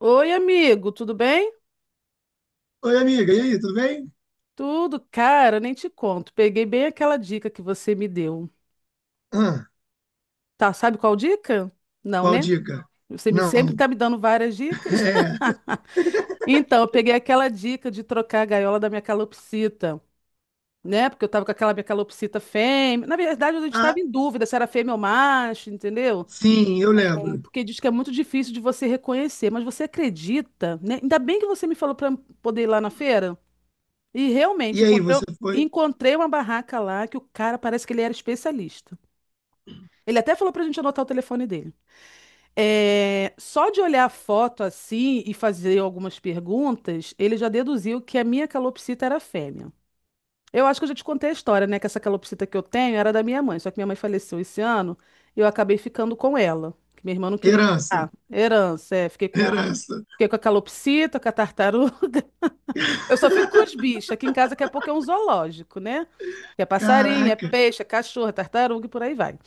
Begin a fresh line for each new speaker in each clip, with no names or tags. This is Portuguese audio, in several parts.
Oi, amigo, tudo bem?
Oi, amiga, e aí, tudo bem?
Tudo, cara, nem te conto. Peguei bem aquela dica que você me deu.
Ah,
Tá, sabe qual dica? Não,
qual
né?
dica?
Sempre
Não.
tá me dando várias dicas.
É.
Então, eu peguei aquela dica de trocar a gaiola da minha calopsita, né? Porque eu tava com aquela minha calopsita fêmea. Na verdade, a gente
Ah,
tava em dúvida se era fêmea ou macho, entendeu?
sim, eu lembro.
Porque diz que é muito difícil de você reconhecer. Mas você acredita, né? Ainda bem que você me falou pra poder ir lá na feira. E realmente,
E aí,
encontrei,
você foi?
encontrei uma barraca lá que o cara parece que ele era especialista. Ele até falou pra gente anotar o telefone dele. É, só de olhar a foto assim e fazer algumas perguntas, ele já deduziu que a minha calopsita era fêmea. Eu acho que eu já te contei a história, né? Que essa calopsita que eu tenho era da minha mãe, só que minha mãe faleceu esse ano e eu acabei ficando com ela. Que minha irmã não queria.
Herança,
Ah, herança, é. Fiquei com a,
herança.
fiquei com a calopsita, com a tartaruga. Eu só fico com os bichos. Aqui em casa, daqui a pouco é um zoológico, né? Que é passarinho, é
Caraca,
peixe, é cachorro, é tartaruga e por aí vai.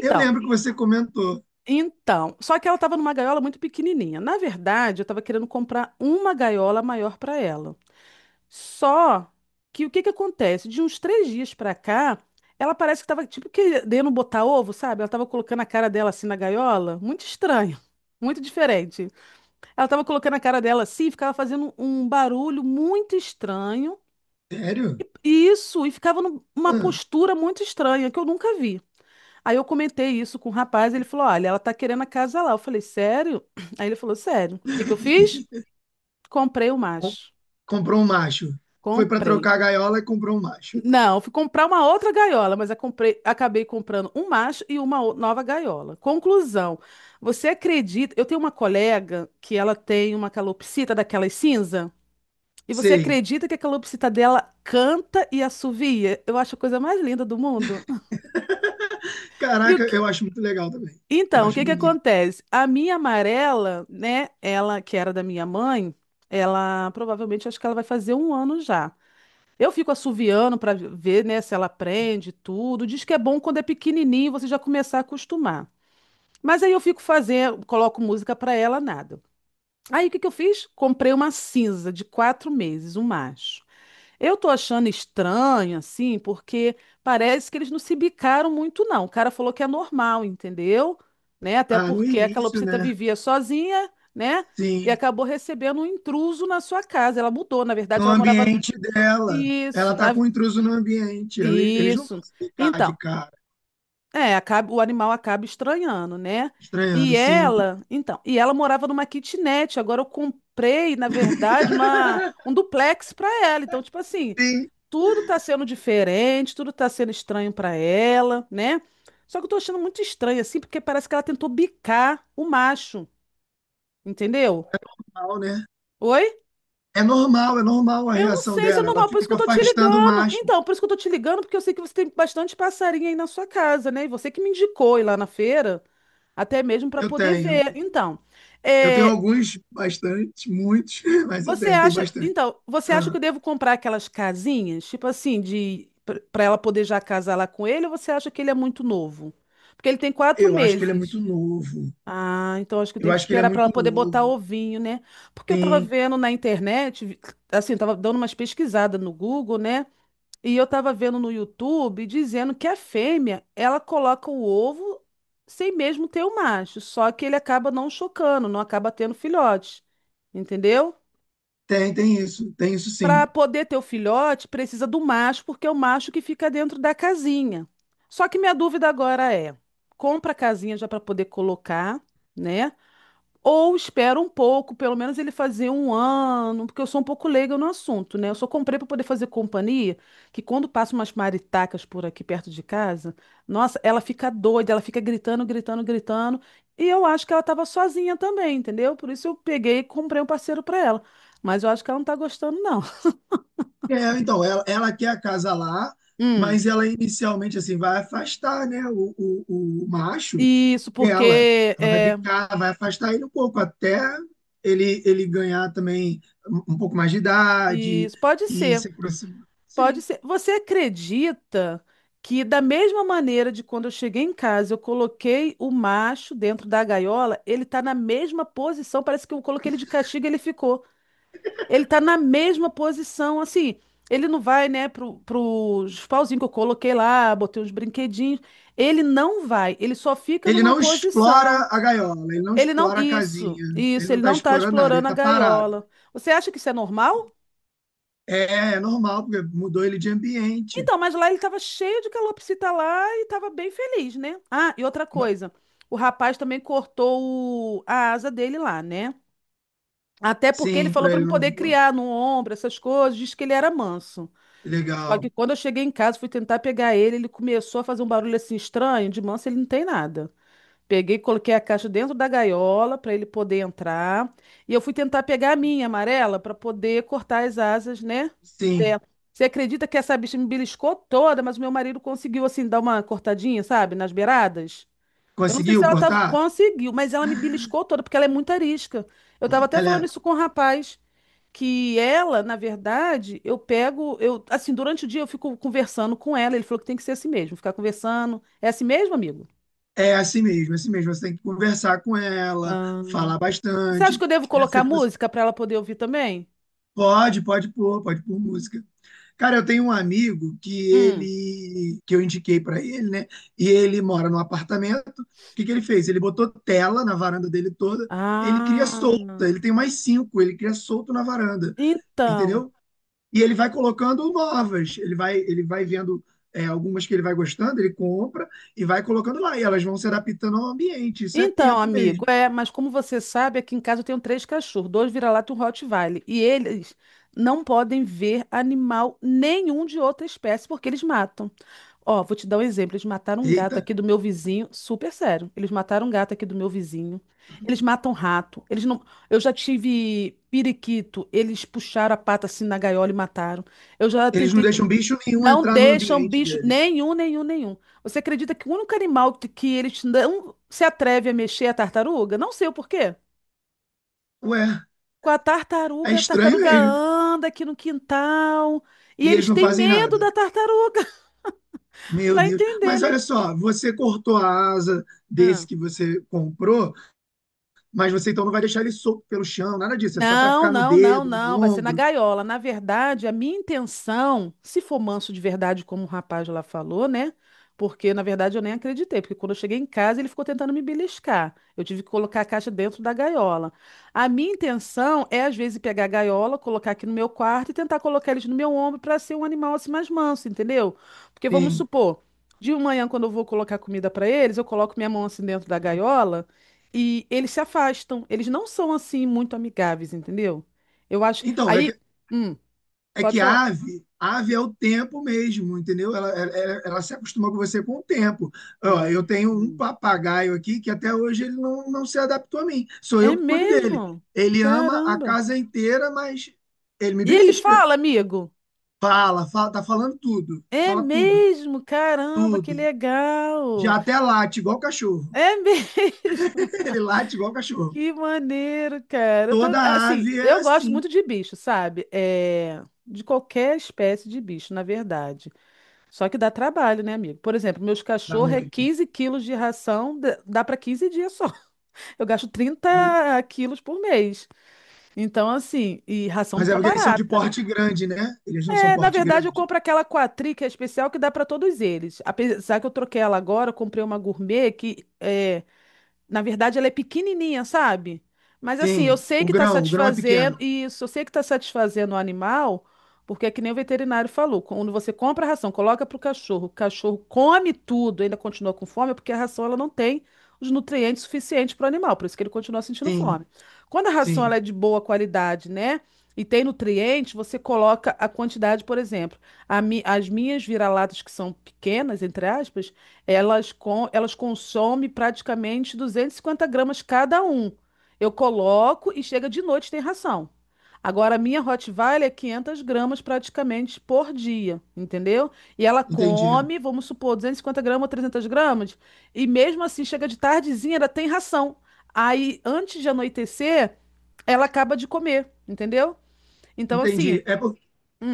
eu lembro que você comentou.
então. Só que ela estava numa gaiola muito pequenininha. Na verdade, eu estava querendo comprar uma gaiola maior para ela. Só que o que que acontece? De uns 3 dias para cá, ela parece que estava tipo querendo botar ovo, sabe? Ela estava colocando a cara dela assim na gaiola. Muito estranho. Muito diferente. Ela estava colocando a cara dela assim, e ficava fazendo um barulho muito estranho.
Sério?
Isso, e ficava numa
Ah,
postura muito estranha, que eu nunca vi. Aí eu comentei isso com o rapaz, ele falou: olha, ela tá querendo a casa lá. Eu falei: sério? Aí ele falou: sério. O que que eu fiz? Comprei o
com-
macho.
comprou um macho. Foi para
Comprei.
trocar a gaiola e comprou um macho.
Não, fui comprar uma outra gaiola, mas eu comprei, acabei comprando um macho e uma nova gaiola. Conclusão: você acredita? Eu tenho uma colega que ela tem uma calopsita daquelas cinza. E você
Sei.
acredita que a calopsita dela canta e assovia? Eu acho a coisa mais linda do mundo. E o
Caraca, eu acho muito legal também. Eu
Então, o
acho
que que
bonito.
acontece? A minha amarela, né? Ela, que era da minha mãe, ela provavelmente acho que ela vai fazer um ano já. Eu fico assoviando para ver, né, se ela aprende tudo. Diz que é bom quando é pequenininho você já começar a acostumar. Mas aí eu fico fazendo, coloco música para ela, nada. Aí o que que eu fiz? Comprei uma cinza de 4 meses, um macho. Eu tô achando estranho, assim, porque parece que eles não se bicaram muito, não. O cara falou que é normal, entendeu? Né? Até
Ah, no
porque a
início,
calopsita
né?
vivia sozinha, né? E
Sim.
acabou recebendo um intruso na sua casa. Ela mudou, na
No
verdade, ela morava.
ambiente dela. Ela
Isso,
tá com um intruso no ambiente. Eles não
isso.
vão se ficar
Então,
de cara,
é, o animal acaba estranhando, né?
estranhando,
E
sim.
ela, então, e ela morava numa kitnet. Agora eu comprei, na verdade, uma... um duplex para ela. Então, tipo assim,
Sim,
tudo tá sendo diferente, tudo tá sendo estranho pra ela, né? Só que eu tô achando muito estranho, assim, porque parece que ela tentou bicar o macho, entendeu?
normal, né?
Oi?
É normal a
Eu não
reação
sei se é
dela. Ela
normal, por isso que
fica
eu tô te
afastando o
ligando.
macho.
Então, por isso que eu tô te ligando, porque eu sei que você tem bastante passarinho aí na sua casa, né? E você que me indicou ir lá na feira, até mesmo pra
Eu
poder
tenho.
ver. Então,
Eu tenho
é.
alguns, bastante, muitos, mas eu
Você
tenho
acha,
bastante.
então, você acha
Ah,
que eu devo comprar aquelas casinhas, tipo assim, de para ela poder já casar lá com ele, ou você acha que ele é muito novo? Porque ele tem quatro
eu acho que ele é
meses.
muito novo.
Ah, então acho que eu
Eu
tenho que
acho que ele é
esperar para ela
muito
poder botar
novo.
ovinho, né? Porque eu tava
Sim,
vendo na internet, assim, eu tava dando umas pesquisadas no Google, né? E eu tava vendo no YouTube dizendo que a fêmea, ela coloca o ovo sem mesmo ter o macho, só que ele acaba não chocando, não acaba tendo filhotes. Entendeu?
tem isso. Tem isso sim.
Para poder ter o filhote, precisa do macho, porque é o macho que fica dentro da casinha. Só que minha dúvida agora é: compra a casinha já para poder colocar, né? Ou espera um pouco, pelo menos ele fazer um ano, porque eu sou um pouco leiga no assunto, né? Eu só comprei para poder fazer companhia, que quando passa umas maritacas por aqui perto de casa, nossa, ela fica doida, ela fica gritando, gritando, gritando. E eu acho que ela estava sozinha também, entendeu? Por isso eu peguei e comprei um parceiro para ela. Mas eu acho que ela não tá gostando, não.
É, então, ela quer acasalar,
Hum,
mas ela inicialmente assim vai afastar, né, o macho
isso
dela.
porque
Ela vai
é,
bicar, vai afastar ele um pouco até ele ganhar também um pouco mais de idade
isso pode
e
ser,
se aproximar.
pode
Sim.
ser. Você acredita que da mesma maneira de quando eu cheguei em casa, eu coloquei o macho dentro da gaiola, ele tá na mesma posição, parece que eu coloquei ele de castigo e ele ficou. Ele tá na mesma posição, assim, ele não vai, né, pro, pros pauzinhos que eu coloquei lá, botei uns brinquedinhos, ele não vai, ele só fica
Ele
numa
não explora
posição.
a gaiola, ele não
Ele não.
explora a
Isso,
casinha, ele
isso,
não
ele
está
não tá
explorando nada, ele
explorando a
está parado.
gaiola. Você acha que isso é normal?
É, é normal, porque mudou ele de ambiente.
Então, mas lá ele tava cheio de calopsita lá e tava bem feliz, né? Ah, e outra
Ma-
coisa, o rapaz também cortou a asa dele lá, né? Até porque ele
Sim,
falou
para
pra me
ele não
poder
voar.
criar no ombro, essas coisas, disse que ele era manso. Só
Legal.
que quando eu cheguei em casa, fui tentar pegar ele, ele começou a fazer um barulho assim estranho, de manso ele não tem nada. Peguei, coloquei a caixa dentro da gaiola para ele poder entrar. E eu fui tentar pegar a minha amarela para poder cortar as asas, né?
Sim.
Dela. Você acredita que essa bicha me beliscou toda, mas o meu marido conseguiu, assim, dar uma cortadinha, sabe? Nas beiradas. Eu não sei se
Conseguiu
ela tava...
cortar?
conseguiu, mas ela me beliscou toda, porque ela é muito arisca. Eu tava até falando
Ela
isso com o rapaz, que ela, na verdade, eu pego, eu, assim, durante o dia eu fico conversando com ela. Ele falou que tem que ser assim mesmo, ficar conversando. É assim mesmo, amigo?
É assim mesmo, é assim mesmo. Você tem que conversar com ela, falar
Você acha
bastante.
que eu devo
Essa
colocar
que você
música para ela poder ouvir também?
Pode pôr música. Cara, eu tenho um amigo que
Hum,
ele que eu indiquei para ele, né? E ele mora num apartamento. O que que ele fez? Ele botou tela na varanda dele toda. Ele cria
Ah,
solta. Ele tem mais cinco. Ele cria solto na varanda,
então.
entendeu? E ele vai colocando novas, ele vai vendo é, algumas que ele vai gostando, ele compra e vai colocando lá. E elas vão se adaptando ao ambiente. Isso é
Então,
tempo
amigo,
mesmo.
é, mas como você sabe, aqui em casa eu tenho três cachorros, dois vira-lata e um Rottweiler, e eles não podem ver animal nenhum de outra espécie porque eles matam. Ó, vou te dar um exemplo, eles mataram um gato
Eita,
aqui do meu vizinho, super sério. Eles mataram um gato aqui do meu vizinho. Eles matam rato. Eles não, eu já tive periquito, eles puxaram a pata assim na gaiola e mataram. Eu já
eles não
tentei.
deixam bicho nenhum
Não
entrar no
deixam
ambiente
bicho
deles.
nenhum, nenhum, nenhum. Você acredita que o único animal que eles não se atreve a mexer é a tartaruga? Não sei o porquê.
Ué,
Com
é
a
estranho
tartaruga
mesmo.
anda aqui no quintal e
E eles
eles
não
têm
fazem
medo
nada.
da tartaruga.
Meu
Vai
Deus.
entender,
Mas
né?
olha só, você cortou a asa
Ah.
desse que você comprou, mas você então não vai deixar ele solto pelo chão, nada disso. É só para
Não,
ficar no
não, não,
dedo, no
não. Vai ser na
ombro.
gaiola. Na verdade, a minha intenção, se for manso de verdade, como o rapaz lá falou, né? Porque, na verdade, eu nem acreditei, porque quando eu cheguei em casa, ele ficou tentando me beliscar. Eu tive que colocar a caixa dentro da gaiola. A minha intenção é, às vezes, pegar a gaiola, colocar aqui no meu quarto e tentar colocar eles no meu ombro para ser um animal assim mais manso, entendeu? Porque vamos
Sim.
supor, de manhã, quando eu vou colocar comida para eles, eu coloco minha mão assim dentro da gaiola. E eles se afastam. Eles não são assim muito amigáveis, entendeu? Eu acho.
Então, é
Aí,
que
hum,
É
pode
que
falar.
ave, ave é o tempo mesmo, entendeu? Ela se acostuma com você com o tempo. Ó, eu tenho um
Hum,
papagaio aqui que até hoje ele não se adaptou a mim. Sou
é
eu que cuido dele.
mesmo?
Ele ama a
Caramba.
casa inteira, mas ele me
E ele
belisca.
fala, amigo.
Fala, fala, tá falando tudo.
É
Fala tudo,
mesmo? Caramba, que
tudo. Já
legal.
até late igual cachorro.
É mesmo.
Ele late igual cachorro.
Que maneiro, cara.
Toda
Assim,
ave é
eu gosto
assim.
muito de bicho, sabe? É, de qualquer espécie de bicho, na verdade. Só que dá trabalho, né, amigo? Por exemplo, meus
Dá
cachorros é
muito.
15 quilos de ração, dá para 15 dias só. Eu gasto 30 quilos por mês. Então, assim, e ração não
Mas é
tá
porque eles são de
barata. Né?
porte grande, né? Eles não são
É, na
porte
verdade, eu
grande.
compro aquela Quatri, que é especial, que dá para todos eles. Apesar que eu troquei ela agora, eu comprei uma gourmet que é, na verdade, ela é pequenininha, sabe? Mas assim, eu
Sim,
sei que está
o grão é
satisfazendo,
pequeno.
isso, eu sei que está satisfazendo o animal, porque é que nem o veterinário falou, quando você compra a ração, coloca para o cachorro come tudo, ainda continua com fome, é porque a ração ela não tem os nutrientes suficientes para o animal, por isso que ele continua sentindo
Sim,
fome. Quando a ração ela
sim,
é de boa qualidade, né? E tem nutriente, você coloca a quantidade, por exemplo, as minhas vira-latas que são pequenas, entre aspas, elas, com, elas consomem praticamente 250 gramas cada um. Eu coloco e chega de noite tem ração. Agora, a minha Rottweiler é 500 gramas praticamente por dia, entendeu? E ela
entendi.
come, vamos supor, 250 gramas ou 300 gramas, e mesmo assim chega de tardezinha, ela tem ração. Aí, antes de anoitecer, ela acaba de comer, entendeu? Então, assim,
Entendi.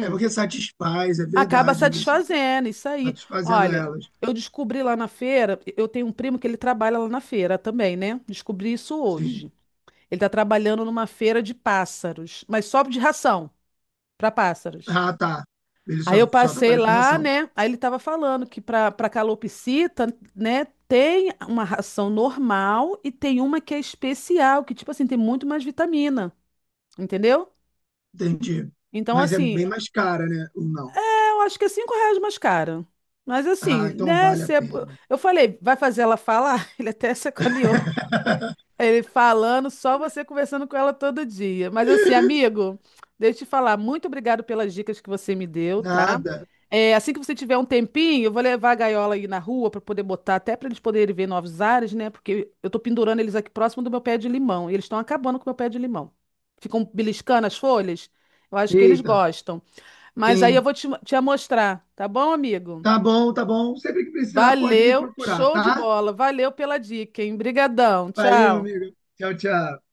É porque satisfaz, é
acaba
verdade isso.
satisfazendo, isso aí.
Satisfazendo
Olha,
elas.
eu descobri lá na feira, eu tenho um primo que ele trabalha lá na feira também, né? Descobri isso
Sim.
hoje. Ele tá trabalhando numa feira de pássaros, mas só de ração para pássaros.
Ah, tá. Ele
Aí eu
só
passei
trabalha com
lá,
ração.
né? Aí ele tava falando que para calopsita, né, tem uma ração normal e tem uma que é especial, que tipo assim, tem muito mais vitamina, entendeu?
Entendi.
Então
Mas é
assim,
bem mais cara, né? Ou não?
eu acho que é R$ 5 mais caro. Mas assim,
Ah, então
né?
vale a
se é
pena.
bo- Eu falei, vai fazer ela falar? Ele até sacaneou. Ele falando, só você conversando com ela todo dia. Mas assim, amigo, deixa eu te falar, muito obrigado pelas dicas que você me deu, tá?
Nada.
É, assim que você tiver um tempinho, eu vou levar a gaiola aí na rua para poder botar, até para eles poderem ver novos ares, né? Porque eu tô pendurando eles aqui próximo do meu pé de limão. E eles estão acabando com o meu pé de limão. Ficam beliscando as folhas. Eu acho que eles
Eita,
gostam. Mas aí eu
sim.
vou te mostrar, tá bom, amigo?
Tá bom, tá bom. Sempre que precisar, pode me
Valeu,
procurar,
show de
tá?
bola. Valeu pela dica, hein? Brigadão,
Valeu,
tchau.
amigo. Tchau, tchau.